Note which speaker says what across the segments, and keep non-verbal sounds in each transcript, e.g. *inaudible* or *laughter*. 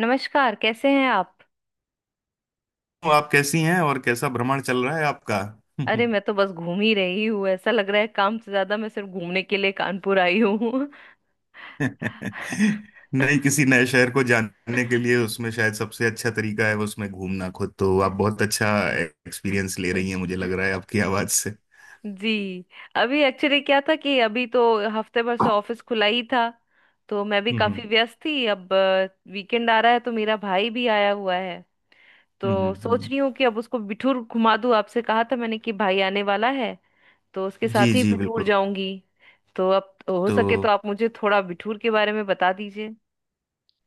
Speaker 1: नमस्कार। कैसे हैं आप?
Speaker 2: तो आप कैसी हैं? और कैसा भ्रमण चल रहा है आपका?
Speaker 1: अरे मैं तो बस घूम ही रही हूँ। ऐसा लग रहा है काम से ज्यादा मैं सिर्फ घूमने के लिए कानपुर आई हूँ।
Speaker 2: *laughs* नहीं, किसी नए शहर को जानने के लिए उसमें शायद सबसे अच्छा तरीका है उसमें घूमना खुद, तो आप बहुत अच्छा
Speaker 1: *laughs*
Speaker 2: एक्सपीरियंस ले रही हैं, मुझे लग रहा है आपकी आवाज से।
Speaker 1: जी। अभी एक्चुअली क्या था कि अभी तो हफ्ते भर से
Speaker 2: हम्म,
Speaker 1: ऑफिस खुला ही था। तो मैं भी काफी
Speaker 2: हम्म,
Speaker 1: व्यस्त थी। अब वीकेंड आ रहा है, तो मेरा भाई भी आया हुआ है। तो
Speaker 2: हम्म,
Speaker 1: सोच
Speaker 2: हम्म।
Speaker 1: रही हूँ कि अब उसको बिठूर घुमा दूँ। आपसे कहा था मैंने कि भाई आने वाला है, तो उसके
Speaker 2: जी
Speaker 1: साथ ही
Speaker 2: जी
Speaker 1: बिठूर
Speaker 2: बिल्कुल।
Speaker 1: जाऊंगी। तो अब हो सके तो
Speaker 2: तो
Speaker 1: आप मुझे थोड़ा बिठूर के बारे में बता दीजिए।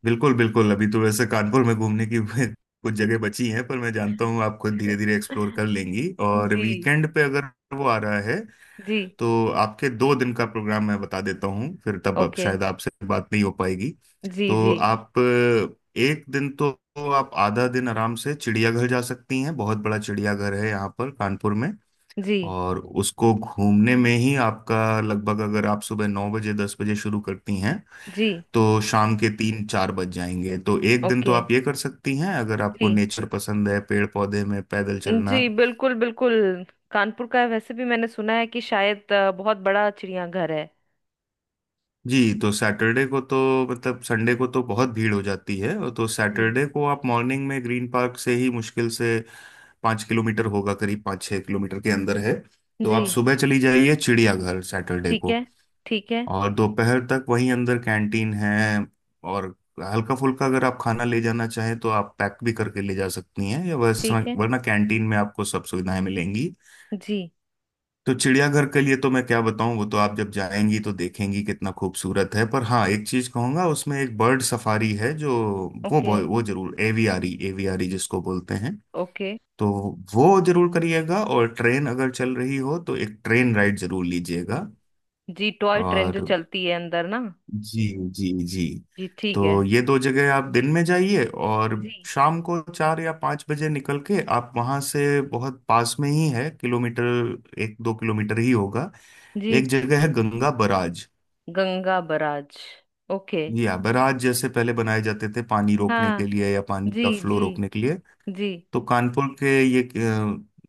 Speaker 2: बिल्कुल बिल्कुल, अभी तो वैसे कानपुर में घूमने की *laughs* कुछ जगह बची हैं, पर मैं जानता हूँ आप खुद धीरे धीरे एक्सप्लोर
Speaker 1: *laughs*
Speaker 2: कर लेंगी, और
Speaker 1: जी
Speaker 2: वीकेंड पे अगर वो आ रहा है
Speaker 1: जी।
Speaker 2: तो आपके 2 दिन का प्रोग्राम मैं बता देता हूँ, फिर तब अब
Speaker 1: ओके।
Speaker 2: शायद आपसे बात नहीं हो पाएगी।
Speaker 1: जी
Speaker 2: तो
Speaker 1: जी।
Speaker 2: आप एक दिन तो आप आधा दिन आराम से चिड़ियाघर जा सकती हैं। बहुत बड़ा चिड़ियाघर है यहाँ पर कानपुर में,
Speaker 1: जी
Speaker 2: और उसको घूमने में ही आपका लगभग, अगर आप सुबह 9 बजे 10 बजे शुरू करती हैं
Speaker 1: जी।
Speaker 2: तो शाम के तीन चार बज जाएंगे। तो एक दिन तो
Speaker 1: ओके।
Speaker 2: आप ये कर सकती हैं, अगर आपको
Speaker 1: जी
Speaker 2: नेचर पसंद है, पेड़ पौधे में पैदल चलना।
Speaker 1: जी, बिल्कुल बिल्कुल कानपुर का है। वैसे भी मैंने सुना है कि शायद बहुत बड़ा चिड़ियाघर है।
Speaker 2: जी तो सैटरडे को तो, मतलब संडे को तो बहुत भीड़ हो जाती है, और तो
Speaker 1: जी।
Speaker 2: सैटरडे को आप मॉर्निंग में ग्रीन पार्क से ही मुश्किल से 5 किलोमीटर होगा, करीब पाँच छः किलोमीटर के अंदर है। तो
Speaker 1: जी।
Speaker 2: आप सुबह चली जाइए चिड़ियाघर सैटरडे
Speaker 1: ठीक
Speaker 2: को।
Speaker 1: है। ठीक है।
Speaker 2: और दोपहर तक वहीं अंदर कैंटीन है, और हल्का फुल्का अगर आप खाना ले जाना चाहें तो आप पैक भी करके ले जा सकती हैं, या वैसा
Speaker 1: ठीक है।
Speaker 2: वरना कैंटीन में आपको सब सुविधाएं मिलेंगी।
Speaker 1: जी।
Speaker 2: तो चिड़ियाघर के लिए तो मैं क्या बताऊं, वो तो आप जब जाएंगी तो देखेंगी कितना खूबसूरत है, पर हाँ एक चीज कहूंगा, उसमें एक बर्ड सफारी है जो,
Speaker 1: ओके
Speaker 2: वो जरूर, एवियारी, एवियारी जिसको बोलते हैं,
Speaker 1: ओके।
Speaker 2: तो वो जरूर करिएगा। और ट्रेन अगर चल रही हो तो एक ट्रेन राइड जरूर लीजिएगा।
Speaker 1: जी, टॉय ट्रेन जो
Speaker 2: और
Speaker 1: चलती है अंदर ना।
Speaker 2: जी, जी जी।
Speaker 1: जी, ठीक है।
Speaker 2: तो ये दो जगह आप दिन में जाइए, और
Speaker 1: जी
Speaker 2: शाम को चार या पाँच बजे निकल के आप वहाँ से, बहुत पास में ही है, किलोमीटर एक दो किलोमीटर ही होगा।
Speaker 1: जी।
Speaker 2: एक जगह है Ganga barrage,
Speaker 1: Ganga barrage. Okay.
Speaker 2: या बराज जैसे पहले बनाए जाते थे पानी रोकने
Speaker 1: हाँ।
Speaker 2: के लिए, या पानी
Speaker 1: जी
Speaker 2: का फ्लो
Speaker 1: जी।
Speaker 2: रोकने के लिए।
Speaker 1: जी
Speaker 2: तो कानपुर के ये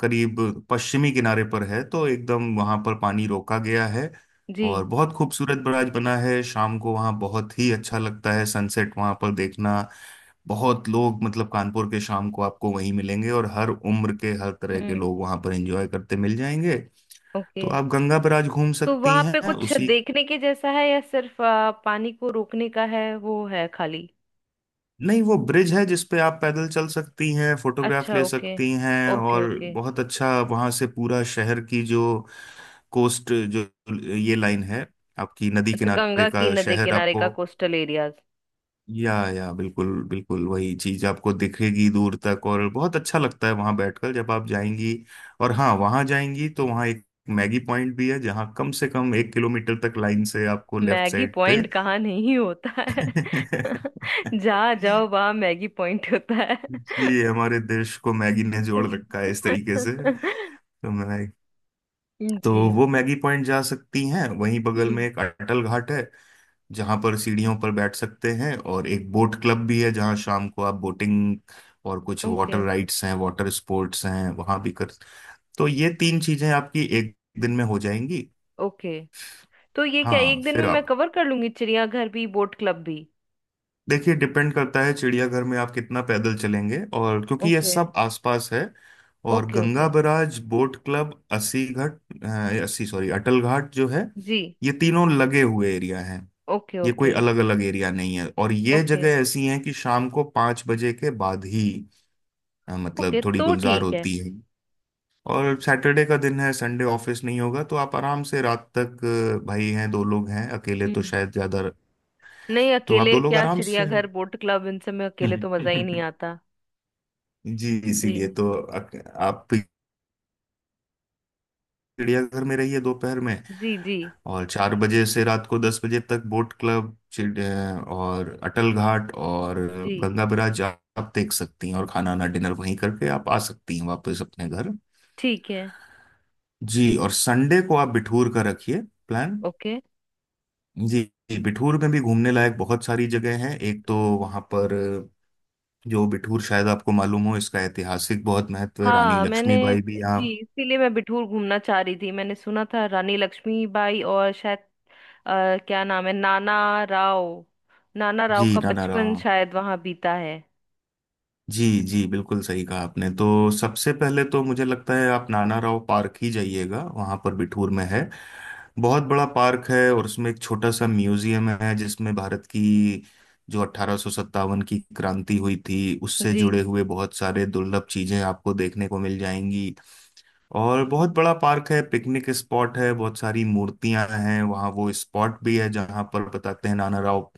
Speaker 2: करीब पश्चिमी किनारे पर है, तो एकदम वहां पर पानी रोका गया है,
Speaker 1: जी।
Speaker 2: और बहुत खूबसूरत बराज बना है। शाम को वहां बहुत ही अच्छा लगता है, सनसेट वहां पर देखना। बहुत लोग, मतलब कानपुर के, शाम को आपको वहीं मिलेंगे, और हर उम्र के हर तरह के
Speaker 1: हम्म।
Speaker 2: लोग वहां पर एंजॉय करते मिल जाएंगे।
Speaker 1: ओके।
Speaker 2: तो आप गंगा बराज घूम
Speaker 1: तो
Speaker 2: सकती
Speaker 1: वहां पे
Speaker 2: हैं
Speaker 1: कुछ
Speaker 2: उसी,
Speaker 1: देखने के जैसा है या सिर्फ पानी को रोकने का है वो, है खाली?
Speaker 2: नहीं वो ब्रिज है जिसपे आप पैदल चल सकती हैं, फोटोग्राफ
Speaker 1: अच्छा
Speaker 2: ले
Speaker 1: ओके।
Speaker 2: सकती हैं,
Speaker 1: ओके
Speaker 2: और
Speaker 1: ओके।
Speaker 2: बहुत अच्छा वहां से पूरा शहर की जो कोस्ट, जो ये लाइन है, आपकी नदी
Speaker 1: अच्छा,
Speaker 2: किनारे
Speaker 1: गंगा की
Speaker 2: का
Speaker 1: नदी
Speaker 2: शहर
Speaker 1: किनारे का
Speaker 2: आपको,
Speaker 1: कोस्टल एरियाज।
Speaker 2: या बिल्कुल बिल्कुल वही चीज आपको दिखेगी दूर तक, और बहुत अच्छा लगता है वहां बैठकर, जब आप जाएंगी। और हाँ, वहां जाएंगी तो वहां एक मैगी पॉइंट भी है, जहाँ कम से कम 1 किलोमीटर तक लाइन से आपको लेफ्ट
Speaker 1: मैगी
Speaker 2: साइड पे।
Speaker 1: पॉइंट कहाँ नहीं होता है? *laughs* जहाँ जाओ
Speaker 2: *laughs*
Speaker 1: वहाँ मैगी पॉइंट होता है।
Speaker 2: जी हमारे देश को मैगी ने जोड़ रखा है इस तरीके से। तो
Speaker 1: *laughs*
Speaker 2: मैं तो
Speaker 1: जी।
Speaker 2: वो मैगी पॉइंट जा सकती हैं। वहीं बगल में
Speaker 1: हम्म।
Speaker 2: एक अटल घाट है जहां पर सीढ़ियों पर बैठ सकते हैं, और एक बोट क्लब भी है जहां शाम को आप बोटिंग और कुछ वाटर
Speaker 1: ओके।
Speaker 2: राइड्स हैं, वाटर स्पोर्ट्स हैं वहां भी कर, तो ये तीन चीजें आपकी एक दिन में हो जाएंगी।
Speaker 1: ओके, तो ये क्या
Speaker 2: हाँ
Speaker 1: एक दिन
Speaker 2: फिर
Speaker 1: में मैं
Speaker 2: आप
Speaker 1: कवर कर लूंगी? चिड़ियाघर भी, बोट क्लब भी?
Speaker 2: देखिए, डिपेंड करता है चिड़ियाघर में आप कितना पैदल चलेंगे, और क्योंकि ये
Speaker 1: ओके।
Speaker 2: सब आसपास है। और
Speaker 1: okay
Speaker 2: Ganga
Speaker 1: okay.
Speaker 2: Barrage, boat club, Assi घाट अस्सी सॉरी अटल घाट जो है,
Speaker 1: जी।
Speaker 2: ये तीनों लगे हुए एरिया हैं,
Speaker 1: ओके
Speaker 2: ये कोई
Speaker 1: ओके।
Speaker 2: अलग अलग एरिया नहीं है। और ये
Speaker 1: ओके।
Speaker 2: जगह ऐसी हैं कि शाम को 5 बजे के बाद ही मतलब
Speaker 1: ओके
Speaker 2: थोड़ी
Speaker 1: तो
Speaker 2: गुलजार
Speaker 1: ठीक है।
Speaker 2: होती है। और सैटरडे का दिन है, संडे ऑफिस नहीं होगा तो आप आराम से रात तक, भाई हैं, दो लोग हैं, अकेले तो
Speaker 1: हम्म।
Speaker 2: शायद ज्यादा,
Speaker 1: नहीं,
Speaker 2: तो आप
Speaker 1: अकेले
Speaker 2: दो लोग
Speaker 1: क्या!
Speaker 2: आराम से।
Speaker 1: चिड़ियाघर, बोट क्लब, इन सब में अकेले तो मजा ही नहीं
Speaker 2: *laughs*
Speaker 1: आता।
Speaker 2: जी इसीलिए
Speaker 1: जी।
Speaker 2: तो आप चिड़ियाघर में रहिए दोपहर में,
Speaker 1: जी जी।
Speaker 2: और 4 बजे से रात को 10 बजे तक बोट क्लब, और अटल घाट और
Speaker 1: जी।
Speaker 2: गंगा बैराज आप देख सकती हैं, और खाना, ना, डिनर वहीं करके आप आ सकती हैं वापस अपने घर।
Speaker 1: ठीक है।
Speaker 2: जी। और संडे को आप बिठूर का रखिए प्लान।
Speaker 1: ओके।
Speaker 2: जी। जी, बिठूर में भी घूमने लायक बहुत सारी जगह हैं, एक तो वहाँ पर जो बिठूर, शायद आपको मालूम हो, इसका ऐतिहासिक बहुत महत्व है, रानी
Speaker 1: हाँ मैंने।
Speaker 2: लक्ष्मीबाई भी यहाँ,
Speaker 1: जी, इसीलिए मैं बिठूर घूमना चाह रही थी। मैंने सुना था रानी लक्ष्मीबाई और शायद, क्या नाम है, नाना राव। नाना राव
Speaker 2: जी
Speaker 1: का
Speaker 2: ना,
Speaker 1: बचपन शायद वहां बीता है।
Speaker 2: जी जी बिल्कुल सही कहा आपने। तो सबसे पहले तो मुझे लगता है आप नाना राव पार्क ही जाइएगा, वहाँ पर बिठूर में है। बहुत बड़ा पार्क है, और उसमें एक छोटा सा म्यूजियम है जिसमें भारत की जो 1857 की क्रांति हुई थी, उससे
Speaker 1: जी।
Speaker 2: जुड़े हुए बहुत सारे दुर्लभ चीजें आपको देखने को मिल जाएंगी। और बहुत बड़ा पार्क है, पिकनिक स्पॉट है, बहुत सारी मूर्तियां हैं वहाँ, वो स्पॉट भी है जहाँ पर बताते हैं नाना राव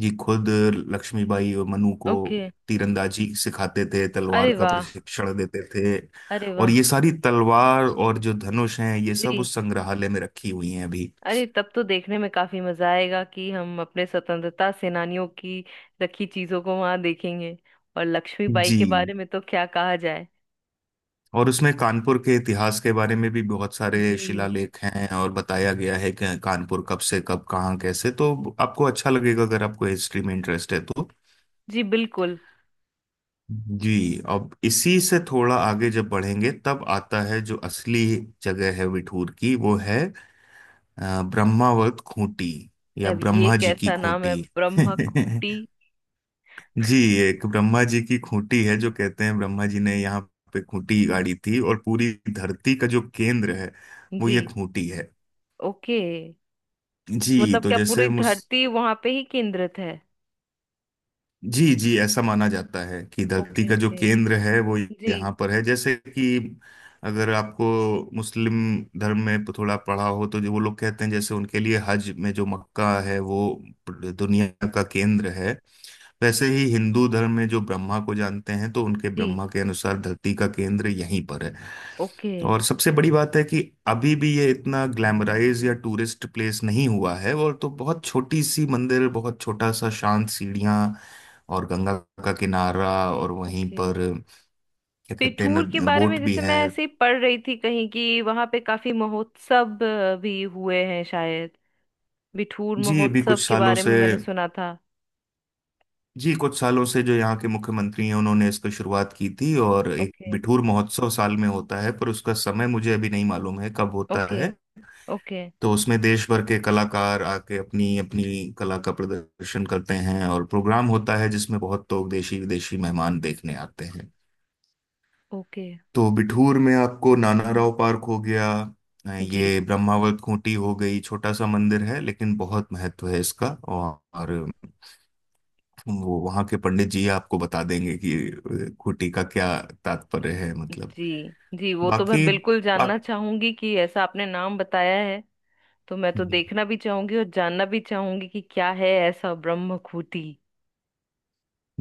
Speaker 2: जी खुद लक्ष्मीबाई और मनु को
Speaker 1: ओके।
Speaker 2: तीरंदाजी सिखाते थे, तलवार
Speaker 1: अरे
Speaker 2: का
Speaker 1: वाह!
Speaker 2: प्रशिक्षण देते थे।
Speaker 1: अरे
Speaker 2: और
Speaker 1: वाह!
Speaker 2: ये सारी तलवार और जो धनुष हैं, ये सब
Speaker 1: जी।
Speaker 2: उस संग्रहालय में रखी हुई हैं अभी।
Speaker 1: अरे, तब तो देखने में काफी मजा आएगा कि हम अपने स्वतंत्रता सेनानियों की रखी चीजों को वहां देखेंगे। और लक्ष्मीबाई के
Speaker 2: जी,
Speaker 1: बारे में तो क्या कहा जाए।
Speaker 2: और उसमें कानपुर के इतिहास के बारे में भी बहुत सारे
Speaker 1: जी।
Speaker 2: शिलालेख हैं, और बताया गया है कि कानपुर कब से कब कहाँ कैसे, तो आपको अच्छा लगेगा अगर आपको हिस्ट्री में इंटरेस्ट है तो।
Speaker 1: जी बिल्कुल।
Speaker 2: जी। अब इसी से थोड़ा आगे जब बढ़ेंगे तब आता है जो असली जगह है विठूर की, वो है ब्रह्मावर्त खूंटी, या
Speaker 1: अब ये
Speaker 2: ब्रह्मा जी की
Speaker 1: कैसा नाम है,
Speaker 2: खूंटी। *laughs*
Speaker 1: ब्रह्मकुटी?
Speaker 2: जी, एक ब्रह्मा जी की खूंटी है, जो कहते हैं ब्रह्मा जी ने यहाँ पे खूंटी गाड़ी थी, और पूरी धरती का जो केंद्र है वो
Speaker 1: जी।
Speaker 2: ये खूंटी है।
Speaker 1: ओके।
Speaker 2: जी
Speaker 1: मतलब
Speaker 2: तो
Speaker 1: क्या पूरी
Speaker 2: जैसे मुझ
Speaker 1: धरती वहां पे ही केंद्रित है?
Speaker 2: जी जी ऐसा माना जाता है कि धरती
Speaker 1: ओके
Speaker 2: का जो
Speaker 1: ओके।
Speaker 2: केंद्र है वो
Speaker 1: जी।
Speaker 2: यहाँ पर है, जैसे कि अगर आपको मुस्लिम धर्म में तो थोड़ा पढ़ा हो तो जो वो लोग कहते हैं, जैसे उनके लिए हज में जो मक्का है वो दुनिया का केंद्र है, वैसे ही हिंदू धर्म में जो ब्रह्मा को जानते हैं तो उनके
Speaker 1: जी।
Speaker 2: ब्रह्मा के अनुसार धरती का केंद्र यहीं पर है।
Speaker 1: ओके
Speaker 2: और सबसे बड़ी बात है कि अभी भी ये इतना ग्लैमराइज या टूरिस्ट प्लेस नहीं हुआ है, और तो बहुत छोटी सी मंदिर, बहुत छोटा सा शांत, सीढ़ियाँ, और गंगा का किनारा, और वहीं
Speaker 1: ओके।
Speaker 2: पर क्या कहते
Speaker 1: पिठूर के
Speaker 2: हैं
Speaker 1: बारे में
Speaker 2: बोट भी
Speaker 1: जैसे मैं
Speaker 2: है।
Speaker 1: ऐसे ही पढ़ रही थी कहीं कि वहां पे काफी महोत्सव भी हुए हैं शायद। बिठूर
Speaker 2: जी, अभी कुछ
Speaker 1: महोत्सव के
Speaker 2: सालों
Speaker 1: बारे
Speaker 2: से।
Speaker 1: में मैंने सुना था।
Speaker 2: जी, कुछ सालों से जो यहाँ के मुख्यमंत्री हैं उन्होंने इसकी शुरुआत की थी, और एक
Speaker 1: ओके।
Speaker 2: बिठूर महोत्सव साल में होता है, पर उसका समय मुझे अभी नहीं मालूम है कब होता
Speaker 1: ओके।
Speaker 2: है।
Speaker 1: ओके।
Speaker 2: तो उसमें देश भर के कलाकार आके अपनी अपनी कला का प्रदर्शन करते हैं, और प्रोग्राम होता है जिसमें बहुत लोग देशी विदेशी मेहमान देखने आते हैं।
Speaker 1: ओके।
Speaker 2: तो बिठूर में आपको नाना राव पार्क हो गया,
Speaker 1: जी।
Speaker 2: ये ब्रह्मावत खूंटी हो गई, छोटा सा मंदिर है लेकिन बहुत महत्व है इसका, और वो वहाँ के पंडित जी आपको बता देंगे कि खूंटी का क्या तात्पर्य है, मतलब।
Speaker 1: जी। जी वो तो मैं
Speaker 2: बाकी
Speaker 1: बिल्कुल जानना
Speaker 2: बाक,
Speaker 1: चाहूंगी कि ऐसा आपने नाम बताया है, तो मैं तो देखना भी चाहूंगी और जानना भी चाहूंगी कि क्या है ऐसा ब्रह्मखूटी।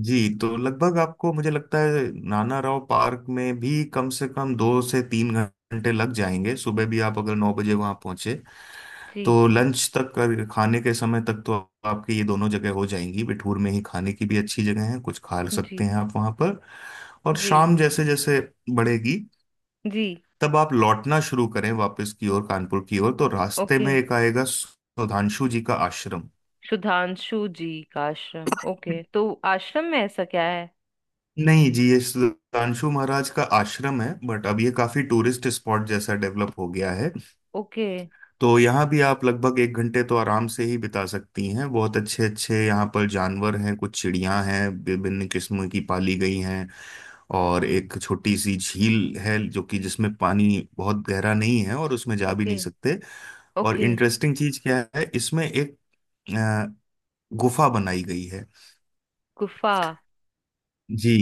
Speaker 2: जी तो लगभग आपको, मुझे लगता है नाना राव पार्क में भी कम से कम 2 से 3 घंटे लग जाएंगे। सुबह भी आप अगर 9 बजे वहाँ पहुँचे
Speaker 1: जी।
Speaker 2: तो लंच तक और खाने के समय तक तो आपके ये दोनों जगह हो जाएंगी। बिठूर में ही खाने की भी अच्छी जगह है, कुछ खा सकते
Speaker 1: जी।
Speaker 2: हैं आप वहाँ पर। और
Speaker 1: जी।
Speaker 2: शाम जैसे जैसे बढ़ेगी,
Speaker 1: जी।
Speaker 2: तब आप लौटना शुरू करें वापस की ओर, कानपुर की ओर, तो रास्ते में
Speaker 1: ओके।
Speaker 2: एक आएगा सुधांशु जी का आश्रम।
Speaker 1: सुधांशु जी का आश्रम? ओके, तो आश्रम में ऐसा क्या है?
Speaker 2: नहीं जी, ये सुधांशु महाराज का आश्रम है, बट अब ये काफी टूरिस्ट स्पॉट जैसा डेवलप हो गया है।
Speaker 1: ओके।
Speaker 2: तो यहाँ भी आप लगभग 1 घंटे तो आराम से ही बिता सकती हैं। बहुत अच्छे अच्छे यहाँ पर जानवर हैं, कुछ चिड़ियाँ हैं विभिन्न किस्म की पाली गई हैं, और एक छोटी सी झील है जो कि, जिसमें पानी बहुत गहरा नहीं है, और उसमें जा भी
Speaker 1: ओके।
Speaker 2: नहीं सकते। और
Speaker 1: ओके।
Speaker 2: इंटरेस्टिंग चीज क्या है इसमें, एक अ, गुफा बनाई गई है।
Speaker 1: गुफा?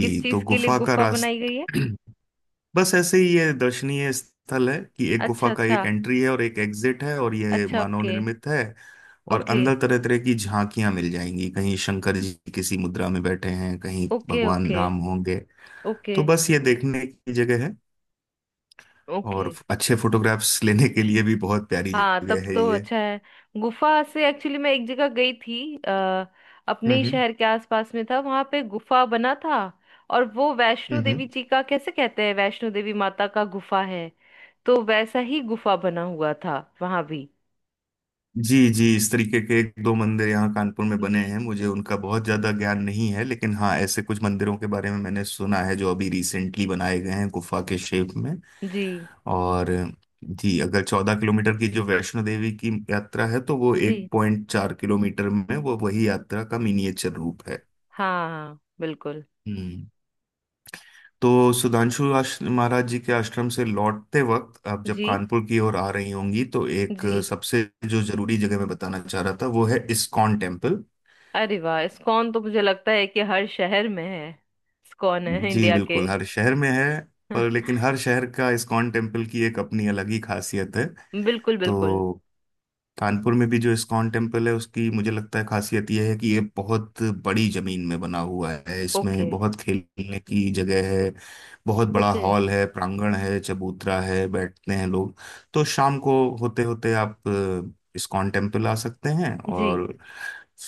Speaker 1: किस
Speaker 2: तो
Speaker 1: चीज के लिए
Speaker 2: गुफा का
Speaker 1: गुफा बनाई
Speaker 2: रास्ता
Speaker 1: गई है?
Speaker 2: *clears throat* बस ऐसे ही ये दर्शनीय स्थल है कि एक गुफा
Speaker 1: अच्छा
Speaker 2: का एक
Speaker 1: अच्छा।
Speaker 2: एंट्री है और एक एग्जिट है, और ये
Speaker 1: अच्छा
Speaker 2: मानव
Speaker 1: ओके।
Speaker 2: निर्मित है। और
Speaker 1: ओके।
Speaker 2: अंदर तरह तरह की झांकियां मिल जाएंगी, कहीं शंकर जी किसी मुद्रा में बैठे हैं, कहीं
Speaker 1: ओके
Speaker 2: भगवान
Speaker 1: ओके।
Speaker 2: राम होंगे।
Speaker 1: ओके।
Speaker 2: तो बस ये देखने की जगह है,
Speaker 1: ओके।
Speaker 2: और अच्छे फोटोग्राफ्स लेने के लिए भी बहुत प्यारी
Speaker 1: हाँ, तब
Speaker 2: जगह है
Speaker 1: तो
Speaker 2: ये।
Speaker 1: अच्छा है। गुफा से एक्चुअली मैं एक जगह गई थी, अपने ही
Speaker 2: हम्म,
Speaker 1: शहर के आसपास में था, वहां पे गुफा बना था। और वो वैष्णो
Speaker 2: हम्म।
Speaker 1: देवी जी का, कैसे कहते हैं, वैष्णो देवी माता का गुफा है, तो वैसा ही गुफा बना हुआ था वहां भी।
Speaker 2: जी जी, इस तरीके के एक दो मंदिर यहाँ कानपुर में बने
Speaker 1: जी।
Speaker 2: हैं, मुझे उनका बहुत ज्यादा ज्ञान नहीं है, लेकिन हाँ ऐसे कुछ मंदिरों के बारे में मैंने सुना है जो अभी रिसेंटली बनाए गए हैं गुफा के शेप में।
Speaker 1: जी।
Speaker 2: और जी, अगर 14 किलोमीटर की जो वैष्णो देवी की यात्रा है, तो वो
Speaker 1: जी।
Speaker 2: 1.4 किलोमीटर में वो वही यात्रा का मिनिएचर रूप है।
Speaker 1: हाँ हाँ, बिल्कुल।
Speaker 2: हम्म। तो सुधांशु महाराज जी के आश्रम से लौटते वक्त आप जब
Speaker 1: जी।
Speaker 2: कानपुर की ओर आ रही होंगी तो एक
Speaker 1: जी।
Speaker 2: सबसे जो जरूरी जगह मैं बताना चाह रहा था, वो है इस्कॉन टेम्पल।
Speaker 1: अरे वाह! इस्कॉन तो मुझे लगता है कि हर शहर में है। इस्कॉन है
Speaker 2: जी
Speaker 1: इंडिया के।
Speaker 2: बिल्कुल, हर शहर में है। पर लेकिन हर
Speaker 1: *laughs*
Speaker 2: शहर का इस्कॉन टेम्पल की एक अपनी अलग ही खासियत है।
Speaker 1: बिल्कुल बिल्कुल।
Speaker 2: तो कानपुर में भी जो इस्कॉन टेम्पल है, उसकी मुझे लगता है खासियत यह है कि ये बहुत बड़ी जमीन में बना हुआ है,
Speaker 1: ओके।
Speaker 2: इसमें बहुत खेलने की जगह है, बहुत बड़ा
Speaker 1: ओके।
Speaker 2: हॉल है, प्रांगण है, चबूतरा है, बैठते हैं लोग। तो शाम को होते होते आप इस्कॉन टेम्पल आ सकते हैं,
Speaker 1: जी।
Speaker 2: और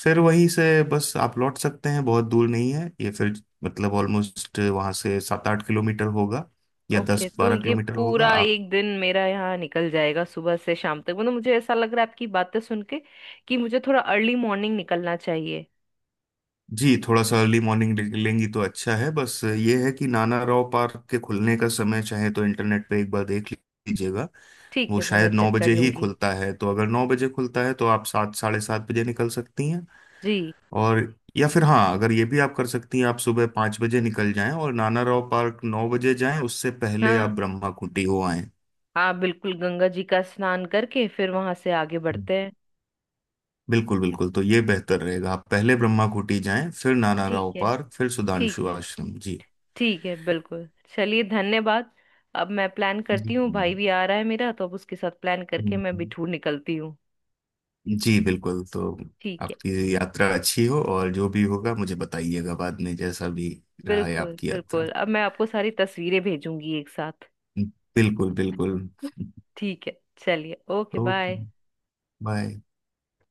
Speaker 2: फिर वहीं से बस आप लौट सकते हैं, बहुत दूर नहीं है ये, फिर मतलब ऑलमोस्ट वहाँ से सात आठ किलोमीटर होगा, या
Speaker 1: ओके
Speaker 2: दस
Speaker 1: तो
Speaker 2: बारह
Speaker 1: ये
Speaker 2: किलोमीटर होगा
Speaker 1: पूरा
Speaker 2: आप।
Speaker 1: एक दिन मेरा यहाँ निकल जाएगा सुबह से शाम तक। मतलब मुझे ऐसा लग रहा है आपकी बातें सुन के कि मुझे थोड़ा अर्ली मॉर्निंग निकलना चाहिए।
Speaker 2: जी थोड़ा सा अर्ली मॉर्निंग लेंगी तो अच्छा है, बस ये है कि नाना राव पार्क के खुलने का समय चाहे तो इंटरनेट पे एक बार देख लीजिएगा।
Speaker 1: ठीक
Speaker 2: वो
Speaker 1: है, वो मैं
Speaker 2: शायद नौ
Speaker 1: चेक कर
Speaker 2: बजे ही
Speaker 1: लूंगी।
Speaker 2: खुलता है, तो अगर 9 बजे खुलता है तो आप सात साढ़े सात बजे निकल सकती हैं।
Speaker 1: जी।
Speaker 2: और, या फिर हाँ, अगर ये भी आप कर सकती हैं, आप सुबह 5 बजे निकल जाएं और नाना राव पार्क 9 बजे जाएं, उससे पहले आप
Speaker 1: हाँ
Speaker 2: ब्रह्मा कुटी हो आएं।
Speaker 1: हाँ, बिल्कुल। गंगा जी का स्नान करके फिर वहां से आगे बढ़ते हैं।
Speaker 2: बिल्कुल बिल्कुल, तो ये बेहतर रहेगा आप पहले ब्रह्मा कुटी जाएं फिर नाना
Speaker 1: ठीक
Speaker 2: राव
Speaker 1: है।
Speaker 2: पार्क फिर
Speaker 1: ठीक
Speaker 2: सुधांशु
Speaker 1: है।
Speaker 2: आश्रम जी।
Speaker 1: ठीक है, बिल्कुल। चलिए, धन्यवाद। अब मैं प्लान करती हूँ। भाई भी आ रहा है मेरा, तो अब उसके साथ प्लान करके
Speaker 2: जी
Speaker 1: मैं बिठूर निकलती हूँ।
Speaker 2: जी बिल्कुल। तो
Speaker 1: ठीक है।
Speaker 2: आपकी यात्रा अच्छी हो, और जो भी होगा मुझे बताइएगा बाद में, जैसा भी रहा है
Speaker 1: बिल्कुल
Speaker 2: आपकी यात्रा।
Speaker 1: बिल्कुल, अब मैं आपको सारी तस्वीरें भेजूंगी एक साथ।
Speaker 2: बिल्कुल बिल्कुल।
Speaker 1: *laughs* ठीक है। चलिए, ओके
Speaker 2: तो
Speaker 1: बाय।
Speaker 2: बाय।